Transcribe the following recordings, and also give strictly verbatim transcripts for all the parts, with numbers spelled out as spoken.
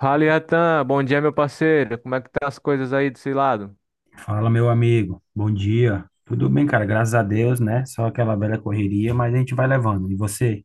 Fala, Iatan. Bom dia, meu parceiro. Como é que tá as coisas aí desse lado? Fala, meu amigo. Bom dia. Tudo bem, cara? Graças a Deus, né? Só aquela velha correria, mas a gente vai levando. E você?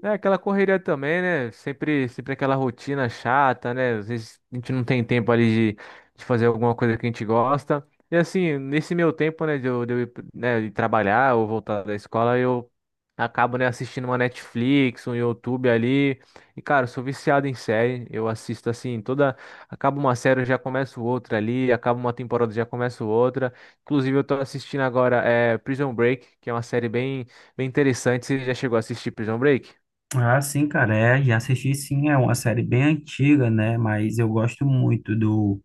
É aquela correria também, né? Sempre, sempre aquela rotina chata, né? Às vezes a gente não tem tempo ali de, de fazer alguma coisa que a gente gosta. E assim, nesse meu tempo, né, de eu, de eu ir, né, de trabalhar ou voltar da escola, eu acabo, né, assistindo uma Netflix, um YouTube ali. E, cara, eu sou viciado em série. Eu assisto assim, toda. Acaba uma série, eu já começo outra ali. Acaba uma temporada, eu já começo outra. Inclusive, eu tô assistindo agora é, Prison Break, que é uma série bem, bem interessante. Você já chegou a assistir Prison Break? Ah, sim, cara. É, já assisti sim. É uma série bem antiga, né? Mas eu gosto muito do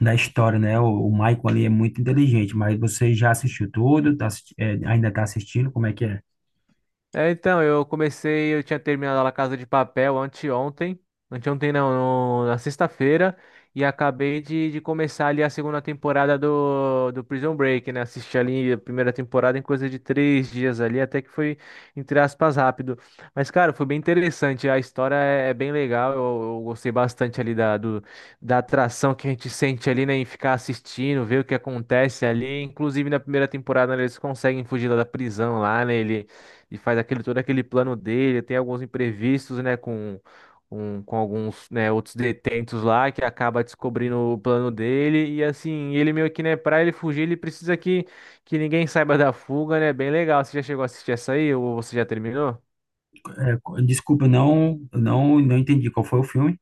da história, né? O, o Michael ali é muito inteligente, mas você já assistiu tudo? Tá assisti- é, ainda tá assistindo? Como é que é? É, então, eu comecei, eu tinha terminado a Casa de Papel anteontem, anteontem não, no- na sexta-feira, e acabei de, de começar ali a segunda temporada do, do Prison Break, né? Assisti ali a primeira temporada em coisa de três dias ali, até que foi, entre aspas, rápido. Mas, cara, foi bem interessante, a história é, é bem legal, eu, eu gostei bastante ali da, do, da atração que a gente sente ali, né, em ficar assistindo, ver o que acontece ali. Inclusive, na primeira temporada, né, eles conseguem fugir lá da prisão lá, né? E faz aquele todo aquele plano dele, tem alguns imprevistos, né, com, com, com alguns, né, outros detentos lá que acaba descobrindo o plano dele e assim, ele meio que, né, para ele fugir, ele precisa que que ninguém saiba da fuga, né? Bem legal. Você já chegou a assistir essa aí ou você já terminou? É, co- desculpa, eu não, eu não, não entendi qual foi o filme.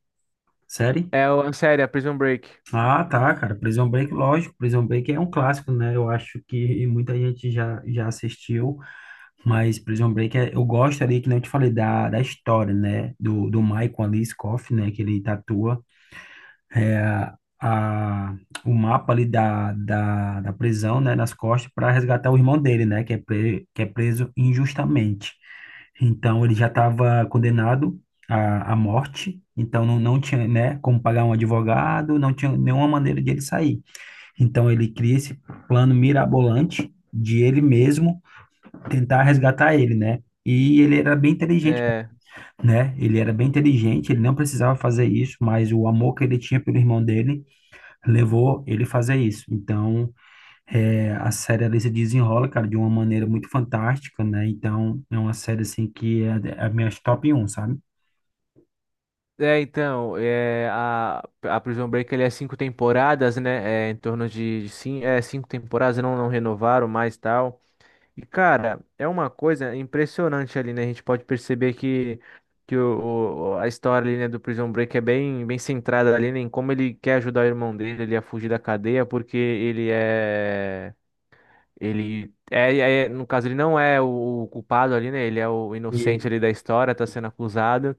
Série? É, o- a série, a Prison Break. Ah, tá, cara. Prison Break, lógico. Prison Break é um clássico, né? Eu acho que muita gente já, já assistiu. Mas Prison Break, é- eu gosto ali, que nem eu te falei, da, da história, né? Do, do Michael ali, Scofield, né? Que ele tatua a, o mapa ali da, da, da prisão, né? Nas costas para resgatar o irmão dele, né? Que é, pre, que é preso injustamente. Então, ele já estava condenado à, à morte. Então, não, não tinha, né? Como pagar um advogado, não tinha nenhuma maneira de ele sair. Então, ele cria esse plano mirabolante de ele mesmo tentar resgatar ele, né? E ele era bem inteligente, É, né? Ele era bem inteligente, ele não precisava fazer isso, mas o amor que ele tinha pelo irmão dele levou ele a fazer isso. Então, é, a série ali se desenrola, cara, de uma maneira muito fantástica, né? Então, é uma série, assim, que é a é a minha top um, sabe? é então, é, a, a Prison Break ele é cinco temporadas, né? É, em torno de, de cinco, é, cinco temporadas, não, não renovaram mais tal. E, cara, é uma coisa impressionante ali, né? A gente pode perceber que, que o, o- a história ali, né, do Prison Break é bem, bem centrada ali, né, em como ele quer ajudar o irmão dele ali a fugir da cadeia, porque ele é. Ele é, é- no caso, ele não é o, o culpado ali, né? Ele é o E- inocente ali da história, tá sendo acusado.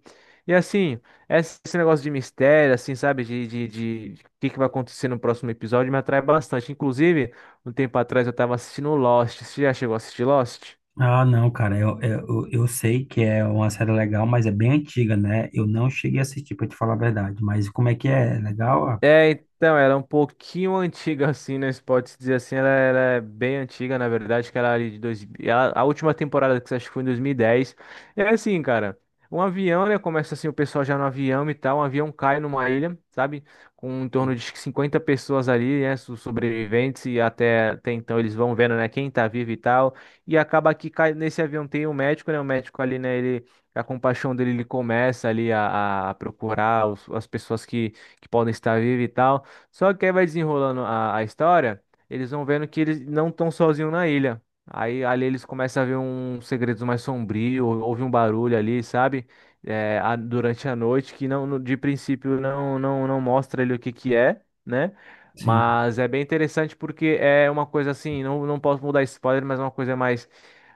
E assim, esse esse negócio de mistério, assim, sabe? De, de, de, de o que que vai acontecer no próximo episódio me atrai bastante. Inclusive, um tempo atrás eu tava assistindo Lost. Você já chegou a assistir Lost? Ah, não, cara, eu, eu, eu sei que é uma série legal, mas é bem antiga, né? Eu não cheguei a assistir, pra te falar a verdade. Mas como é que é? É legal? Ah, É, então, ela é um pouquinho antiga, assim, né? Se pode se dizer assim, ela, ela é bem antiga, na verdade, que ela é ali de dois... ela- a última temporada que você acho que foi em dois mil e dez. É assim, cara, um avião, né? Começa assim, o pessoal já no avião e tal, um avião cai numa ilha, sabe? Com em torno de cinquenta pessoas ali, né? so- Sobreviventes, e até, até então eles vão vendo, né? Quem tá vivo e tal. E acaba que cai, nesse avião tem um médico, né? O médico ali, né? Ele, a compaixão dele, ele começa ali a, a procurar os- as pessoas que que podem estar vivos e tal. Só que aí vai desenrolando a, a história, eles vão vendo que eles não estão sozinhos na ilha. Aí ali eles começam a ver uns segredos mais sombrios, houve um barulho ali, sabe? É, a- durante a noite, que não, no- de princípio não, não, não mostra ele o que que é, né? sim, Mas é bem interessante porque é uma coisa assim, não, não posso mudar spoiler, mas é uma coisa mais,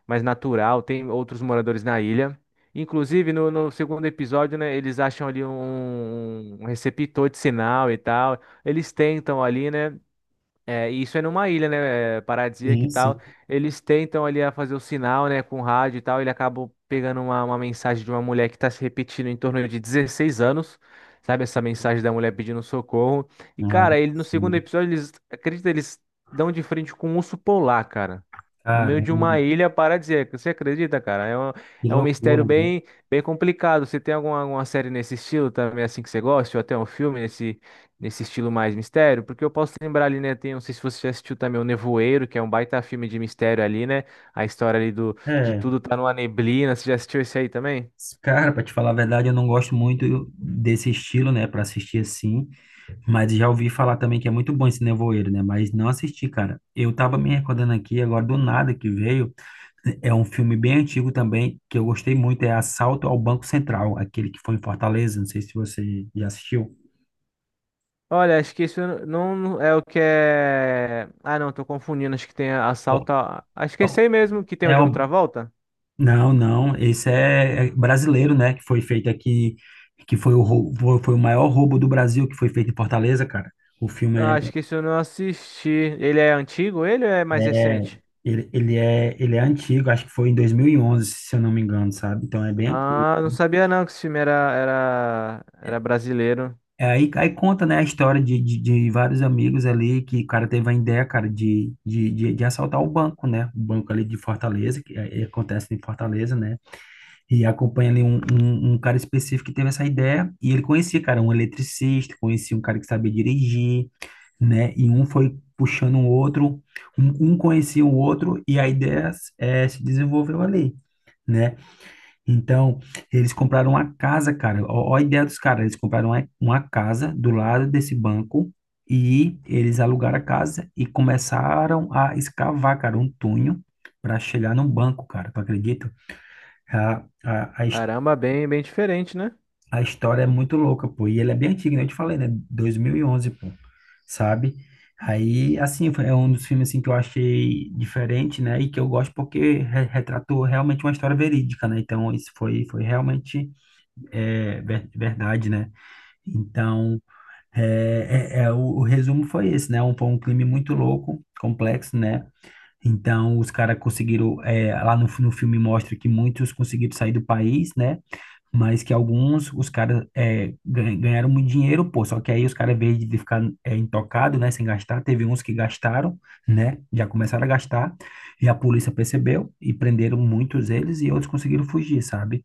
mais natural. Tem outros moradores na ilha. Inclusive, no, no segundo episódio, né, eles acham ali um, um um receptor de sinal e tal. Eles tentam ali, né? É, e isso é numa ilha, né, é, paradisíaca e sim, tal. sim. Eles tentam ali a fazer o sinal, né, com o rádio e tal. Ele acaba pegando uma, uma mensagem de uma mulher que tá se repetindo em torno de dezesseis anos, sabe? Essa mensagem da mulher pedindo socorro. E, Ah, cara, ele no segundo sim. episódio, eles, acredita, eles dão de frente com um urso polar, cara. No meio Caramba, de uma ilha paradisíaca. Você acredita, cara? É um, que é um loucura, mistério né? bem, bem complicado. Você tem alguma, alguma série nesse estilo também, assim, que você gosta? Ou até um filme nesse nesse estilo mais mistério, porque eu posso lembrar ali, né, tem, não sei se você já assistiu também o Nevoeiro, que é um baita filme de mistério ali, né? A história ali do de É, tudo tá numa neblina, você já assistiu esse aí também? cara, pra te falar a verdade, eu não gosto muito desse estilo, né, pra assistir assim, mas já ouvi falar também que é muito bom esse nevoeiro, né, mas não assisti, cara. Eu tava me recordando aqui agora do nada que veio, é um filme bem antigo também, que eu gostei muito, é Assalto ao Banco Central, aquele que foi em Fortaleza, não sei se você já assistiu. Olha, acho que isso não não é o que é. Ah, não, tô confundindo. Acho que tem Bom, assalto. a- Acho que é bom, esse aí mesmo que tem o É John o, Travolta. Não, não, esse é é brasileiro, né, que foi feito aqui, que foi o, rou- foi foi o maior roubo do Brasil, que foi feito em Fortaleza, cara. O filme Ah, acho que isso eu não assisti. Ele é antigo? Ele ou é mais é, é- recente? ele, ele é, ele é antigo, acho que foi em dois mil e onze, se eu não me engano, sabe? Então é bem antigo. Ah, não sabia não que esse filme era, era, era brasileiro. É, Aí, aí conta, né, a história de, de, de vários amigos ali, que o cara teve a ideia, cara, de, de, de, de assaltar o banco, né, o banco ali de Fortaleza, que é- é- acontece em Fortaleza, né. E acompanha ali um, um, um cara específico que teve essa ideia, e ele conhecia, cara, um eletricista, conhecia um cara que sabia dirigir, né? E um foi puxando o outro, um, um conhecia o outro, e a ideia é se desenvolveu ali, né? Então, eles compraram uma casa, cara, ó, ó a ideia dos caras, eles compraram uma, uma casa do lado desse banco, e eles alugaram a casa e começaram a escavar, cara, um túnel para chegar no banco, cara, tu acredita? A, a, a, his- Caramba, bem, bem diferente, né? A história é muito louca, pô. E ele é bem antigo, né? Eu te falei, né? dois mil e onze, pô. Sabe? Aí, assim, foi- é um dos filmes assim, que eu achei diferente, né? E que eu gosto porque re- retratou realmente uma história verídica, né? Então, isso foi, foi realmente é, ver- verdade, né? Então, é, é, é, o, o resumo foi esse, né? Um, foi um crime muito louco, complexo, né? Então, os caras conseguiram, é, lá no, no filme mostra que muitos conseguiram sair do país, né? Mas que alguns, os caras é, gan- ganharam muito dinheiro, pô. Só que aí os caras, em vez de ficar é, intocado, né, sem gastar, teve uns que gastaram, né, já começaram a gastar, e a polícia percebeu e prenderam muitos eles e outros conseguiram fugir, sabe?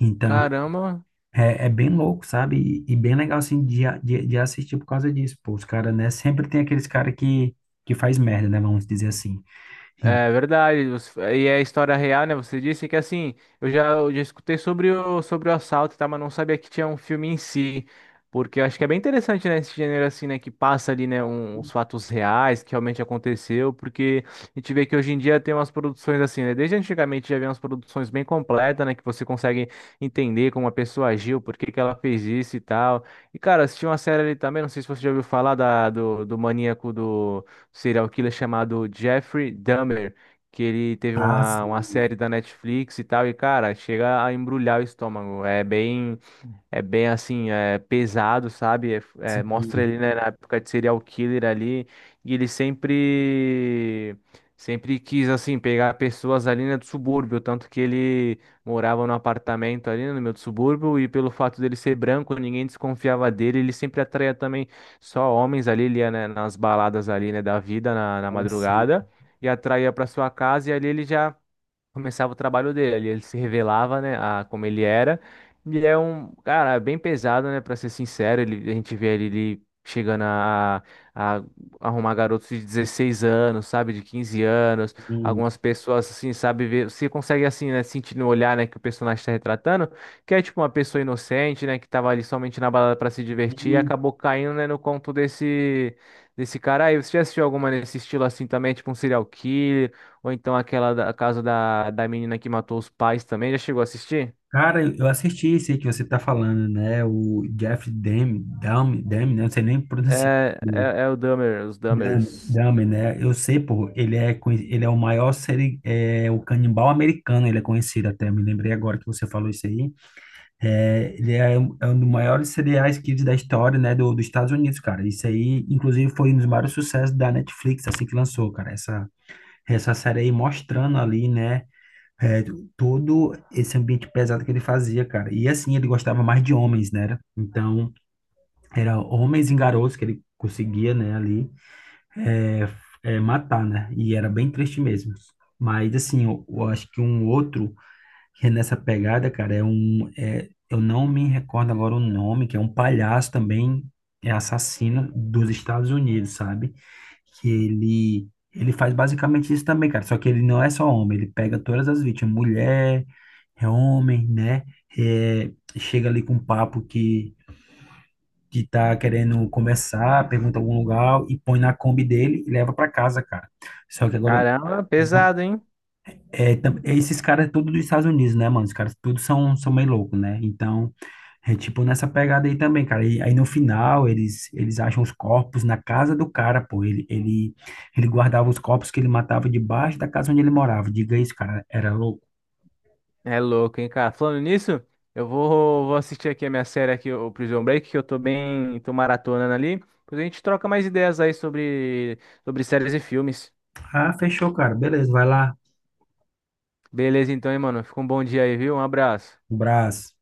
Então, Caramba, é, é bem louco, sabe? E, e bem legal, assim, de, a- de, de assistir por causa disso, pô. Os caras, né, sempre tem aqueles caras que, que faz merda, né, vamos dizer assim. é verdade, você- e é história real, né? Você disse que assim, eu já, eu já escutei sobre o, sobre o assalto, tá? Mas não sabia que tinha um filme em si. Porque eu acho que é bem interessante, né? Esse gênero assim, né? Que passa ali, né? Um, os fatos reais que realmente aconteceu. Porque a gente vê que hoje em dia tem umas produções assim, né? Desde antigamente já havia umas produções bem completas, né? Que você consegue entender como a pessoa agiu, por que que ela fez isso e tal. E, cara, assisti uma série ali também, não sei se você já ouviu falar da, do, do maníaco do um serial killer chamado Jeffrey Dahmer, que ele teve Ah, uma, uma sim, série da Netflix e tal, e cara, chega a embrulhar o estômago. É bem. É bem assim, é pesado, sabe? É- é, mostra sim, ele, né, na época de serial killer ali. E ele sempre, sempre quis, assim, pegar pessoas ali, né, do subúrbio. Tanto que ele morava num apartamento ali no meio do subúrbio. E pelo fato dele ser branco, ninguém desconfiava dele. Ele sempre atraía também só homens ali, ele ia, né, nas baladas ali, né, da vida, na, na é, sim. madrugada. E atraía para sua casa. E ali ele já começava o trabalho dele, ele se revelava, né, a como ele era. Ele é um cara é bem pesado, né, para ser sincero, ele, a gente vê ele, ele chegando a, a arrumar garotos de dezesseis anos, sabe, de quinze anos, algumas pessoas assim, sabe, ver, você consegue assim, né, sentir no olhar, né, que o personagem está retratando, que é tipo uma pessoa inocente, né, que tava ali somente na balada para se divertir e acabou caindo, né, no conto desse desse cara aí. Você já assistiu alguma nesse estilo assim também, tipo um serial killer? Ou então aquela da a casa da, da menina que matou os pais também. Já chegou a assistir? Cara, eu eu assisti esse aí que você tá falando, né? O Jeff Dam, Dam, Dam, né? Não sei nem pronunciar. É, dele. é, é o Dahmer, os Dam, Dahmers. Dam, né? Eu sei, pô, ele é, conhe- ele é o maior seri, é, o canibal americano, ele é conhecido até, me lembrei agora que você falou isso aí. É, ele é um, é um dos maiores serial killers da história, né, do, dos Estados Unidos, cara. Isso aí, inclusive, foi um dos maiores sucessos da Netflix, assim que lançou, cara. Essa, essa série aí mostrando ali, né? É, todo esse ambiente pesado que ele fazia, cara. E assim, ele gostava mais de homens, né? Então, era homens e garotos que ele conseguia, né, ali, é, é, matar, né? E era bem triste mesmo. Mas, assim, eu, eu acho que um outro que é nessa pegada, cara, é um. É, eu não me recordo agora o nome, que é um palhaço também, é assassino dos Estados Unidos, sabe? Que ele. Ele faz basicamente isso também, cara. Só que ele não é só homem, ele pega todas as vítimas, mulher, é homem, né? É, chega ali com um papo que, que tá querendo conversar, pergunta algum lugar e põe na Kombi dele e leva pra casa, cara. Só que agora Caramba, eu pesado, hein? é, tam- é, esses caras é tudo dos Estados Unidos, né, mano? Os caras tudo são, são meio louco, né? Então, é tipo nessa pegada aí também, cara. E aí no final, eles, eles acham os corpos na casa do cara, pô. Ele, ele, ele guardava os corpos que ele matava debaixo da casa onde ele morava. Diga isso, cara. Era louco. É louco, hein, cara? Falando nisso, eu vou, vou assistir aqui a minha série aqui, o Prison Break, que eu tô bem, tô maratonando ali. Depois a gente troca mais ideias aí sobre, sobre séries e filmes. Ah, fechou, cara. Beleza, vai lá. Beleza, então, hein, mano? Fica um bom dia aí, viu? Um abraço. Um abraço.